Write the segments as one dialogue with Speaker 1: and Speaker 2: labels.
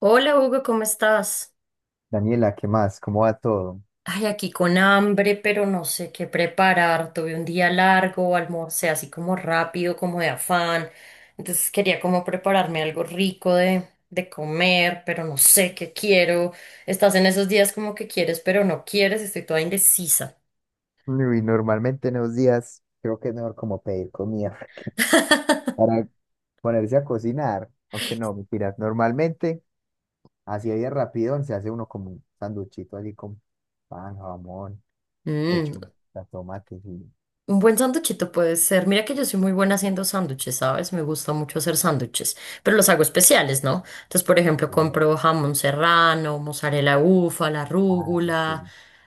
Speaker 1: Hola Hugo, ¿cómo estás?
Speaker 2: Daniela, ¿qué más? ¿Cómo va todo?
Speaker 1: Ay, aquí con hambre, pero no sé qué preparar. Tuve un día largo, almorcé así como rápido, como de afán. Entonces quería como prepararme algo rico de comer, pero no sé qué quiero. Estás en esos días como que quieres, pero no quieres. Estoy toda indecisa.
Speaker 2: Uy, normalmente en los días creo que es mejor como pedir comida para ponerse a cocinar, aunque no, mentiras. Normalmente, así de rápido, se hace uno como un sanduchito así con pan, jamón,
Speaker 1: Mm.
Speaker 2: lechuga, tomates y,
Speaker 1: Un buen sándwichito puede ser. Mira que yo soy muy buena haciendo sándwiches, ¿sabes? Me gusta mucho hacer sándwiches, pero los hago especiales, ¿no? Entonces, por ejemplo,
Speaker 2: y al-
Speaker 1: compro jamón serrano, mozzarella, la
Speaker 2: ah, este,
Speaker 1: rúgula,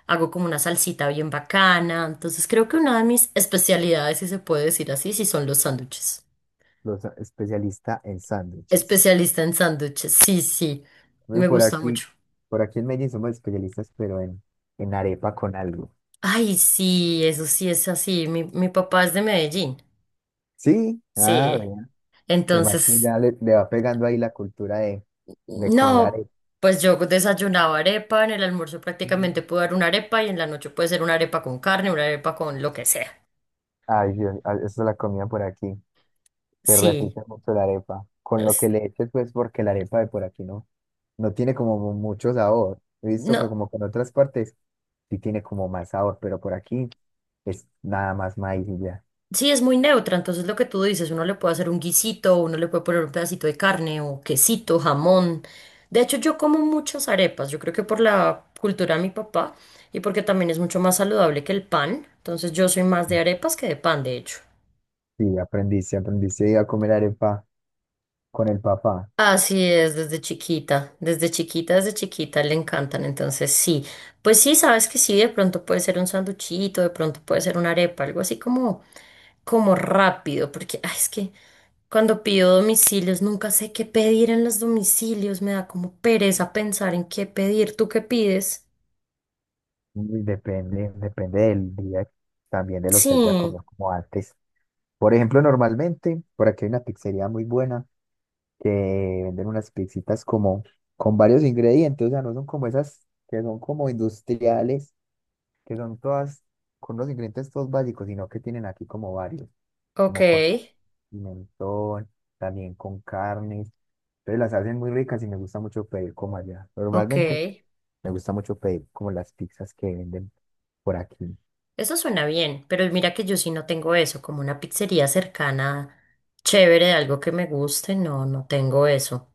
Speaker 1: hago como una salsita bien bacana. Entonces, creo que una de mis especialidades, si se puede decir así, sí son los sándwiches.
Speaker 2: los especialistas en sándwiches.
Speaker 1: Especialista en sándwiches, sí, sí,
Speaker 2: Uy,
Speaker 1: me
Speaker 2: por
Speaker 1: gusta
Speaker 2: aquí,
Speaker 1: mucho.
Speaker 2: por aquí en Medellín somos especialistas, pero en arepa con algo.
Speaker 1: Ay, sí, eso sí es así. Mi papá es de Medellín.
Speaker 2: Sí, ah,
Speaker 1: Sí.
Speaker 2: vea. Además que
Speaker 1: Entonces,
Speaker 2: ya le va pegando ahí la cultura de comer
Speaker 1: no,
Speaker 2: arepa.
Speaker 1: pues yo desayunaba arepa, en el almuerzo prácticamente puedo dar una arepa y en la noche puede ser una arepa con carne, una arepa con lo que sea.
Speaker 2: Ay, Dios, ay, esa es la comida por aquí. Se
Speaker 1: Sí,
Speaker 2: repite mucho la arepa. Con lo
Speaker 1: es-
Speaker 2: que le eches, pues, porque la arepa de por aquí no, no tiene como mucho sabor. He visto que
Speaker 1: no,
Speaker 2: como que en otras partes sí tiene como más sabor, pero por aquí es nada más maíz y ya.
Speaker 1: sí es muy neutra, entonces lo que tú dices, uno le puede hacer un guisito, uno le puede poner un pedacito de carne o quesito, jamón. De hecho, yo como muchas arepas, yo creo que por la cultura de mi papá y porque también es mucho más saludable que el pan, entonces yo soy más de arepas que de pan, de hecho.
Speaker 2: Sí, aprendiste, aprendiste a comer arepa con el papá.
Speaker 1: Así es, desde chiquita, desde chiquita, desde chiquita le encantan, entonces sí, pues sí, sabes que sí, de pronto puede ser un sanduchito, de pronto puede ser una arepa, algo así como, como rápido, porque ay, es que cuando pido domicilios nunca sé qué pedir en los domicilios, me da como pereza pensar en qué pedir, ¿tú qué pides?
Speaker 2: Uy, depende, depende del día, también de lo
Speaker 1: Sí,
Speaker 2: que haya comido como antes. Por ejemplo, normalmente por aquí hay una pizzería muy buena que venden unas pizzitas como con varios ingredientes, o sea, no son como esas que son como industriales, que son todas con los ingredientes todos básicos, sino que tienen aquí como varios,
Speaker 1: ok,
Speaker 2: como con pimentón, también con carnes. Entonces las hacen muy ricas y me gusta mucho pedir como allá.
Speaker 1: ok.
Speaker 2: Normalmente me gusta mucho pedir como las pizzas que venden por aquí.
Speaker 1: Eso suena bien, pero mira que yo sí no tengo eso, como una pizzería cercana, chévere, de algo que me guste, no, no tengo eso.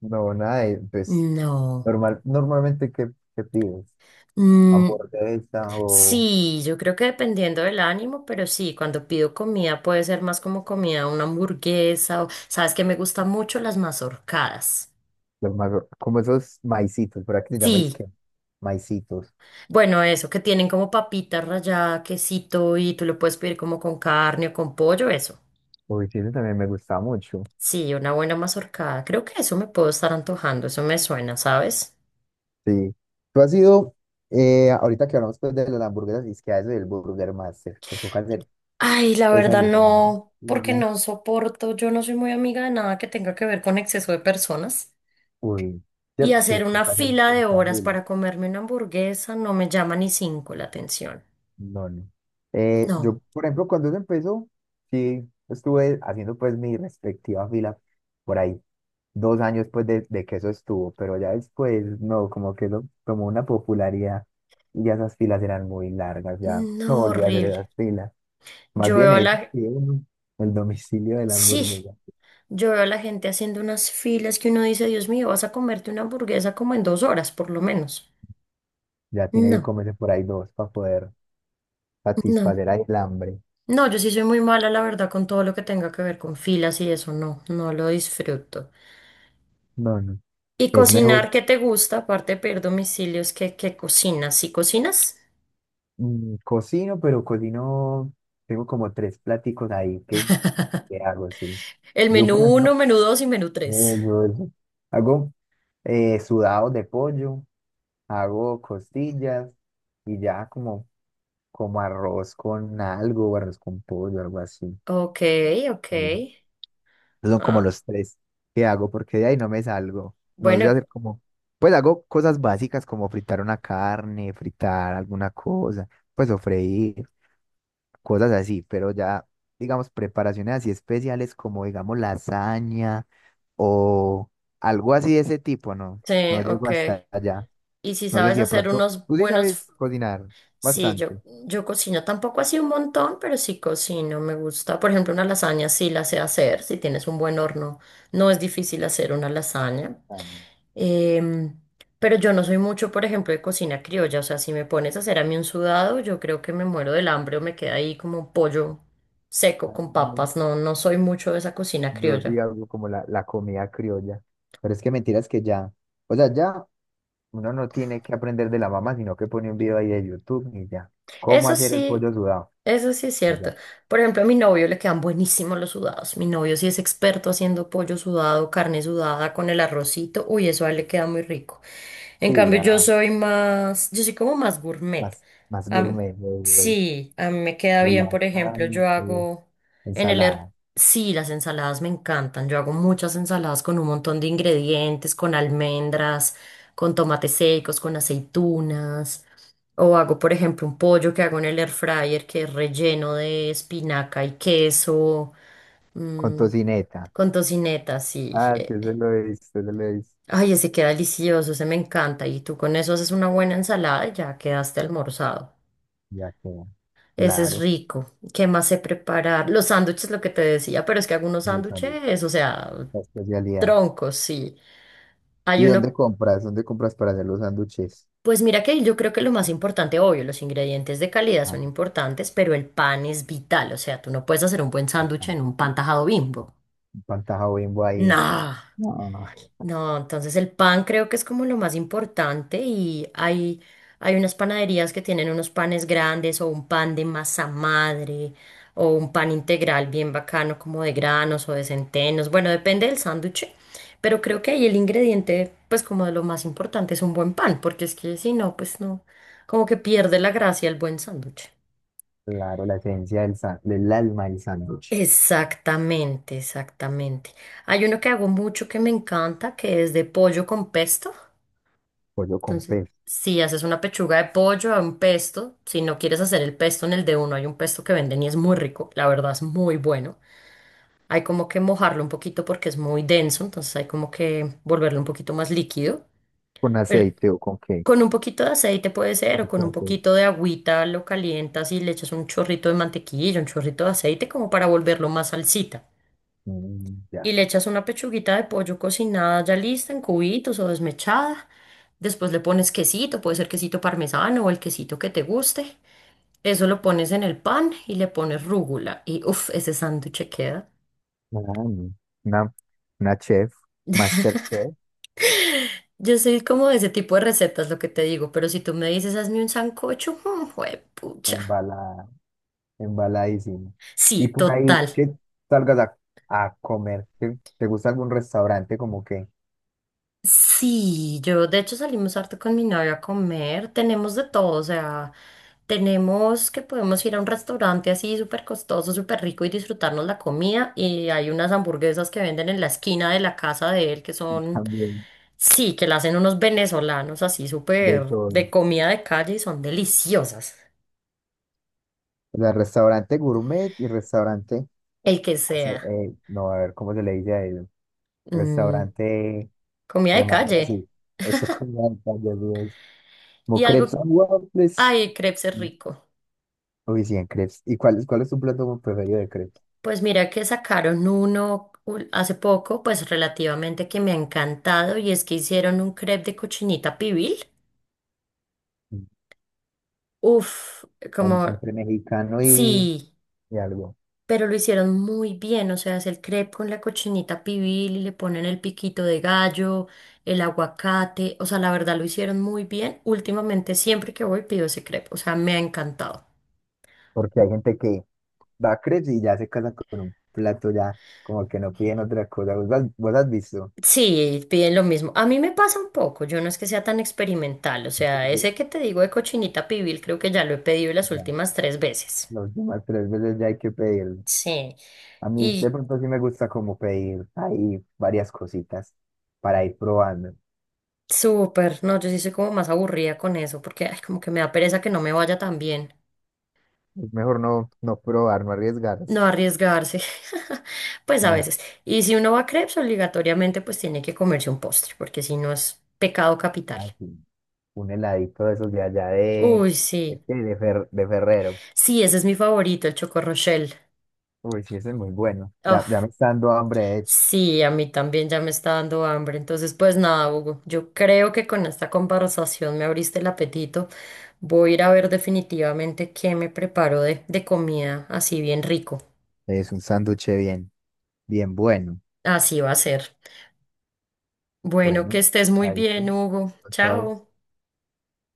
Speaker 2: No, nada, pues
Speaker 1: No.
Speaker 2: normal, normalmente, ¿qué, qué pides?
Speaker 1: Mm,
Speaker 2: ¿Hamburguesa o
Speaker 1: sí, yo creo que dependiendo del ánimo, pero sí, cuando pido comida puede ser más como comida, una hamburguesa o, sabes que me gustan mucho las mazorcadas.
Speaker 2: Como esos maicitos, verdad que se llama? Es
Speaker 1: Sí,
Speaker 2: maicitos.
Speaker 1: bueno, eso, que tienen como papita rallada, quesito y tú lo puedes pedir como con carne o con pollo, eso.
Speaker 2: Uy, sí, eso también me gusta mucho.
Speaker 1: Sí, una buena mazorcada. Creo que eso me puedo estar antojando, eso me suena, ¿sabes?
Speaker 2: Sí. Tú has ido, ahorita que hablamos pues de las hamburguesas, y es que a eso del Burger Master, que toca hacer
Speaker 1: Ay, la
Speaker 2: esas
Speaker 1: verdad
Speaker 2: y esas,
Speaker 1: no,
Speaker 2: y
Speaker 1: porque
Speaker 2: las-
Speaker 1: no soporto, yo no soy muy amiga de nada que tenga que ver con exceso de personas.
Speaker 2: uy,
Speaker 1: Y
Speaker 2: ¿cierto? Es que
Speaker 1: hacer una
Speaker 2: toca hacer
Speaker 1: fila
Speaker 2: un
Speaker 1: de horas para comerme una hamburguesa no me llama ni cinco la atención.
Speaker 2: no, no.
Speaker 1: No,
Speaker 2: Yo, por ejemplo, cuando eso empezó, sí, estuve haciendo pues mi respectiva fila por ahí, dos años pues de que eso estuvo, pero ya después, no, como que eso tomó una popularidad y ya esas filas eran muy largas, ya no
Speaker 1: no,
Speaker 2: volví a hacer
Speaker 1: horrible.
Speaker 2: esas filas. Más
Speaker 1: Yo
Speaker 2: bien
Speaker 1: veo a
Speaker 2: eso,
Speaker 1: la...
Speaker 2: sí, uno, el domicilio de la
Speaker 1: Sí,
Speaker 2: hamburguesa.
Speaker 1: yo veo a la gente haciendo unas filas que uno dice, Dios mío, vas a comerte una hamburguesa como en 2 horas, por lo menos.
Speaker 2: Ya tiene que
Speaker 1: No,
Speaker 2: comerse por ahí dos para poder
Speaker 1: no.
Speaker 2: satisfacer ahí el hambre.
Speaker 1: No, yo sí soy muy mala, la verdad, con todo lo que tenga que ver con filas y eso, no, no lo disfruto.
Speaker 2: No, no.
Speaker 1: ¿Y
Speaker 2: Es mejor
Speaker 1: cocinar qué te gusta? Aparte de pedir domicilios, ¿qué cocinas? ¿Sí cocinas?
Speaker 2: Cocino, pero cocino, tengo como tres pláticos ahí que hago así.
Speaker 1: El
Speaker 2: Yo,
Speaker 1: menú
Speaker 2: por ejemplo,
Speaker 1: uno, menú dos y menú tres.
Speaker 2: yo eso, hago sudados de pollo, hago costillas y ya como, como arroz con algo, o arroz con pollo, algo así.
Speaker 1: Ok, ok.
Speaker 2: Mm. Son como
Speaker 1: Ah,
Speaker 2: los tres que hago porque de ahí no me salgo. No sé
Speaker 1: bueno,
Speaker 2: hacer como, pues hago cosas básicas como fritar una carne, fritar alguna cosa, pues o freír, cosas así, pero ya, digamos, preparaciones así especiales como, digamos, lasaña o algo así de ese tipo, no,
Speaker 1: sí,
Speaker 2: no llego
Speaker 1: ok.
Speaker 2: hasta allá.
Speaker 1: ¿Y si
Speaker 2: No sé
Speaker 1: sabes
Speaker 2: si de
Speaker 1: hacer
Speaker 2: pronto,
Speaker 1: unos
Speaker 2: tú sí
Speaker 1: buenos?
Speaker 2: sabes cocinar
Speaker 1: Sí, yo,
Speaker 2: bastante.
Speaker 1: yo cocino tampoco así un montón, pero sí cocino, me gusta. Por ejemplo, una lasaña sí la sé hacer, si tienes un buen horno, no es difícil hacer una lasaña.
Speaker 2: Tan-
Speaker 1: Em, pero yo no soy mucho, por ejemplo, de cocina criolla, o sea, si me pones a hacer a mí un sudado, yo creo que me muero del hambre o me queda ahí como pollo seco con
Speaker 2: tan-
Speaker 1: papas, no, no soy mucho de esa cocina
Speaker 2: Yo sí
Speaker 1: criolla.
Speaker 2: hago como la comida criolla, pero es que mentiras que ya, o sea, ya uno no tiene que aprender de la mamá, sino que pone un video ahí de YouTube y ya, cómo
Speaker 1: Eso
Speaker 2: hacer el
Speaker 1: sí,
Speaker 2: pollo sudado,
Speaker 1: eso sí es
Speaker 2: y ya,
Speaker 1: cierto. Por ejemplo, a mi novio le quedan buenísimos los sudados. Mi novio sí es experto haciendo pollo sudado, carne sudada con el arrocito. Uy, eso a él le queda muy rico. En
Speaker 2: sí,
Speaker 1: cambio, yo
Speaker 2: ya,
Speaker 1: soy más, yo soy como más gourmet.
Speaker 2: más, más
Speaker 1: Am-
Speaker 2: gourmet, güey, güey,
Speaker 1: sí, a mí me queda
Speaker 2: con
Speaker 1: bien, por ejemplo,
Speaker 2: lasaña,
Speaker 1: yo hago en
Speaker 2: ensalada
Speaker 1: sí, las ensaladas me encantan. Yo hago muchas ensaladas con un montón de ingredientes, con almendras, con tomates secos, con aceitunas. O hago, por ejemplo, un pollo que hago en el air fryer que es relleno de espinaca y queso,
Speaker 2: con
Speaker 1: mm,
Speaker 2: tocineta.
Speaker 1: con tocineta, sí.
Speaker 2: Ah, sí, eso lo he visto, eso lo he visto.
Speaker 1: Ay, ese queda delicioso, ese me encanta. Y tú con eso haces una buena ensalada y ya quedaste almorzado.
Speaker 2: Ya queda.
Speaker 1: Ese es
Speaker 2: Claro,
Speaker 1: rico. ¿Qué más sé preparar? Los sándwiches, lo que te decía, pero es que hago unos
Speaker 2: los sándwiches,
Speaker 1: sándwiches, o sea,
Speaker 2: la especialidad.
Speaker 1: troncos, sí.
Speaker 2: ¿Y
Speaker 1: Hay uno.
Speaker 2: dónde compras? ¿Dónde compras para hacer los sándwiches?
Speaker 1: Pues mira que yo creo que lo más importante, obvio, los ingredientes de calidad
Speaker 2: Ah,
Speaker 1: son importantes, pero el pan es vital. O sea, tú no puedes hacer un buen sándwich
Speaker 2: pan-
Speaker 1: en un pan tajado Bimbo.
Speaker 2: Pantaja Bimbo ahí.
Speaker 1: No.
Speaker 2: No,
Speaker 1: No, entonces el pan creo que es como lo más importante y hay unas panaderías que tienen unos panes grandes o un pan de masa madre o un pan integral bien bacano como de granos o de centenos. Bueno, depende del sándwich, pero creo que ahí el ingrediente pues como de lo más importante es un buen pan, porque es que si no, pues no, como que pierde la gracia el buen sándwich.
Speaker 2: claro, la esencia del alma del sándwich.
Speaker 1: Exactamente, exactamente. Hay uno que hago mucho que me encanta, que es de pollo con pesto.
Speaker 2: Pollo con
Speaker 1: Entonces,
Speaker 2: pez.
Speaker 1: si haces una pechuga de pollo a un pesto, si no quieres hacer el pesto en el de uno, hay un pesto que venden y es muy rico, la verdad es muy bueno. Hay como que mojarlo un poquito porque es muy denso, entonces hay como que volverlo un poquito más líquido.
Speaker 2: ¿Con
Speaker 1: Pero
Speaker 2: aceite o con qué?
Speaker 1: con un poquito de aceite puede
Speaker 2: Un
Speaker 1: ser, o
Speaker 2: poquito
Speaker 1: con
Speaker 2: de
Speaker 1: un
Speaker 2: aceite.
Speaker 1: poquito de agüita lo calientas y le echas un chorrito de mantequilla, un chorrito de aceite como para volverlo más salsita
Speaker 2: Mm, ya.
Speaker 1: y
Speaker 2: Ah,
Speaker 1: le echas una pechuguita de pollo cocinada ya lista en cubitos o desmechada. Después le pones quesito, puede ser quesito parmesano o el quesito que te guste. Eso lo pones en el pan y le pones rúgula y uff, ese sándwich queda.
Speaker 2: no. Una, una chef, master chef,
Speaker 1: Yo soy como de ese tipo de recetas, lo que te digo, pero si tú me dices, hazme un sancocho, mm, juepucha.
Speaker 2: embalada. Embaladísimo. Y
Speaker 1: Sí,
Speaker 2: por ahí
Speaker 1: total.
Speaker 2: que salgas a comer, que te gusta algún restaurante como que
Speaker 1: Sí, yo de hecho salimos harto con mi novia a comer, tenemos de todo, o sea, tenemos que podemos ir a un restaurante así súper costoso, súper rico y disfrutarnos la comida y hay unas hamburguesas que venden en la esquina de la casa de él que son,
Speaker 2: también
Speaker 1: sí, que la hacen unos venezolanos así
Speaker 2: de
Speaker 1: súper
Speaker 2: todo.
Speaker 1: de comida de calle y son deliciosas,
Speaker 2: O sea, restaurante gourmet y restaurante,
Speaker 1: el que
Speaker 2: así,
Speaker 1: sea.
Speaker 2: no, a ver, ¿cómo se le dice a ello?
Speaker 1: Mm,
Speaker 2: Restaurante
Speaker 1: comida
Speaker 2: de
Speaker 1: de
Speaker 2: más
Speaker 1: calle
Speaker 2: así. Eso como como
Speaker 1: y
Speaker 2: Crepes
Speaker 1: algo,
Speaker 2: and Waffles.
Speaker 1: ay, crepes es rico.
Speaker 2: Uy, sí, en crepes. Y cuál, ¿cuál es tu plato preferido de crepes?
Speaker 1: Pues mira que sacaron hace poco, pues relativamente, que me ha encantado, y es que hicieron un crepe de cochinita pibil.
Speaker 2: Mm,
Speaker 1: Uf, como
Speaker 2: Entre mexicano
Speaker 1: sí,
Speaker 2: y algo.
Speaker 1: pero lo hicieron muy bien, o sea, es el crepe con la cochinita pibil y le ponen el piquito de gallo, el aguacate, o sea, la verdad lo hicieron muy bien. Últimamente siempre que voy pido ese crepe, o sea, me ha encantado.
Speaker 2: Porque hay gente que va crepes y ya se casan con un plato ya, como que no piden otra cosa. Vos has visto?
Speaker 1: Sí, piden lo mismo. A mí me pasa un poco, yo no es que sea tan experimental, o sea, ese que
Speaker 2: Sí,
Speaker 1: te digo de cochinita pibil creo que ya lo he pedido las
Speaker 2: ya,
Speaker 1: últimas 3 veces.
Speaker 2: las últimas tres veces ya hay que pedirlo.
Speaker 1: Sí,
Speaker 2: A mí de
Speaker 1: y
Speaker 2: pronto sí me gusta como pedir ahí varias cositas para ir probando.
Speaker 1: súper, no, yo sí soy como más aburrida con eso, porque ay, como que me da pereza que no me vaya tan bien,
Speaker 2: Es mejor no, no probar, no arriesgarse.
Speaker 1: no arriesgarse, pues a
Speaker 2: Ah,
Speaker 1: veces. Y si uno va a crepes, obligatoriamente pues tiene que comerse un postre, porque si no es pecado capital.
Speaker 2: ah, sí, un heladito de esos de allá
Speaker 1: Uy,
Speaker 2: de,
Speaker 1: sí,
Speaker 2: qué, de Ferrero.
Speaker 1: sí, ese es mi favorito, el Choco Rochelle.
Speaker 2: Uy, sí, ese es muy bueno. Ya, ya me
Speaker 1: Uf.
Speaker 2: está dando hambre, de hecho.
Speaker 1: Sí, a mí también ya me está dando hambre. Entonces, pues nada, Hugo, yo creo que con esta conversación me abriste el apetito. Voy a ir a ver definitivamente qué me preparo de comida así bien rico.
Speaker 2: Es un sándwich bien, bien bueno.
Speaker 1: Así va a ser. Bueno, que
Speaker 2: Bueno,
Speaker 1: estés muy
Speaker 2: ahí pues.
Speaker 1: bien, Hugo.
Speaker 2: Chao.
Speaker 1: Chao.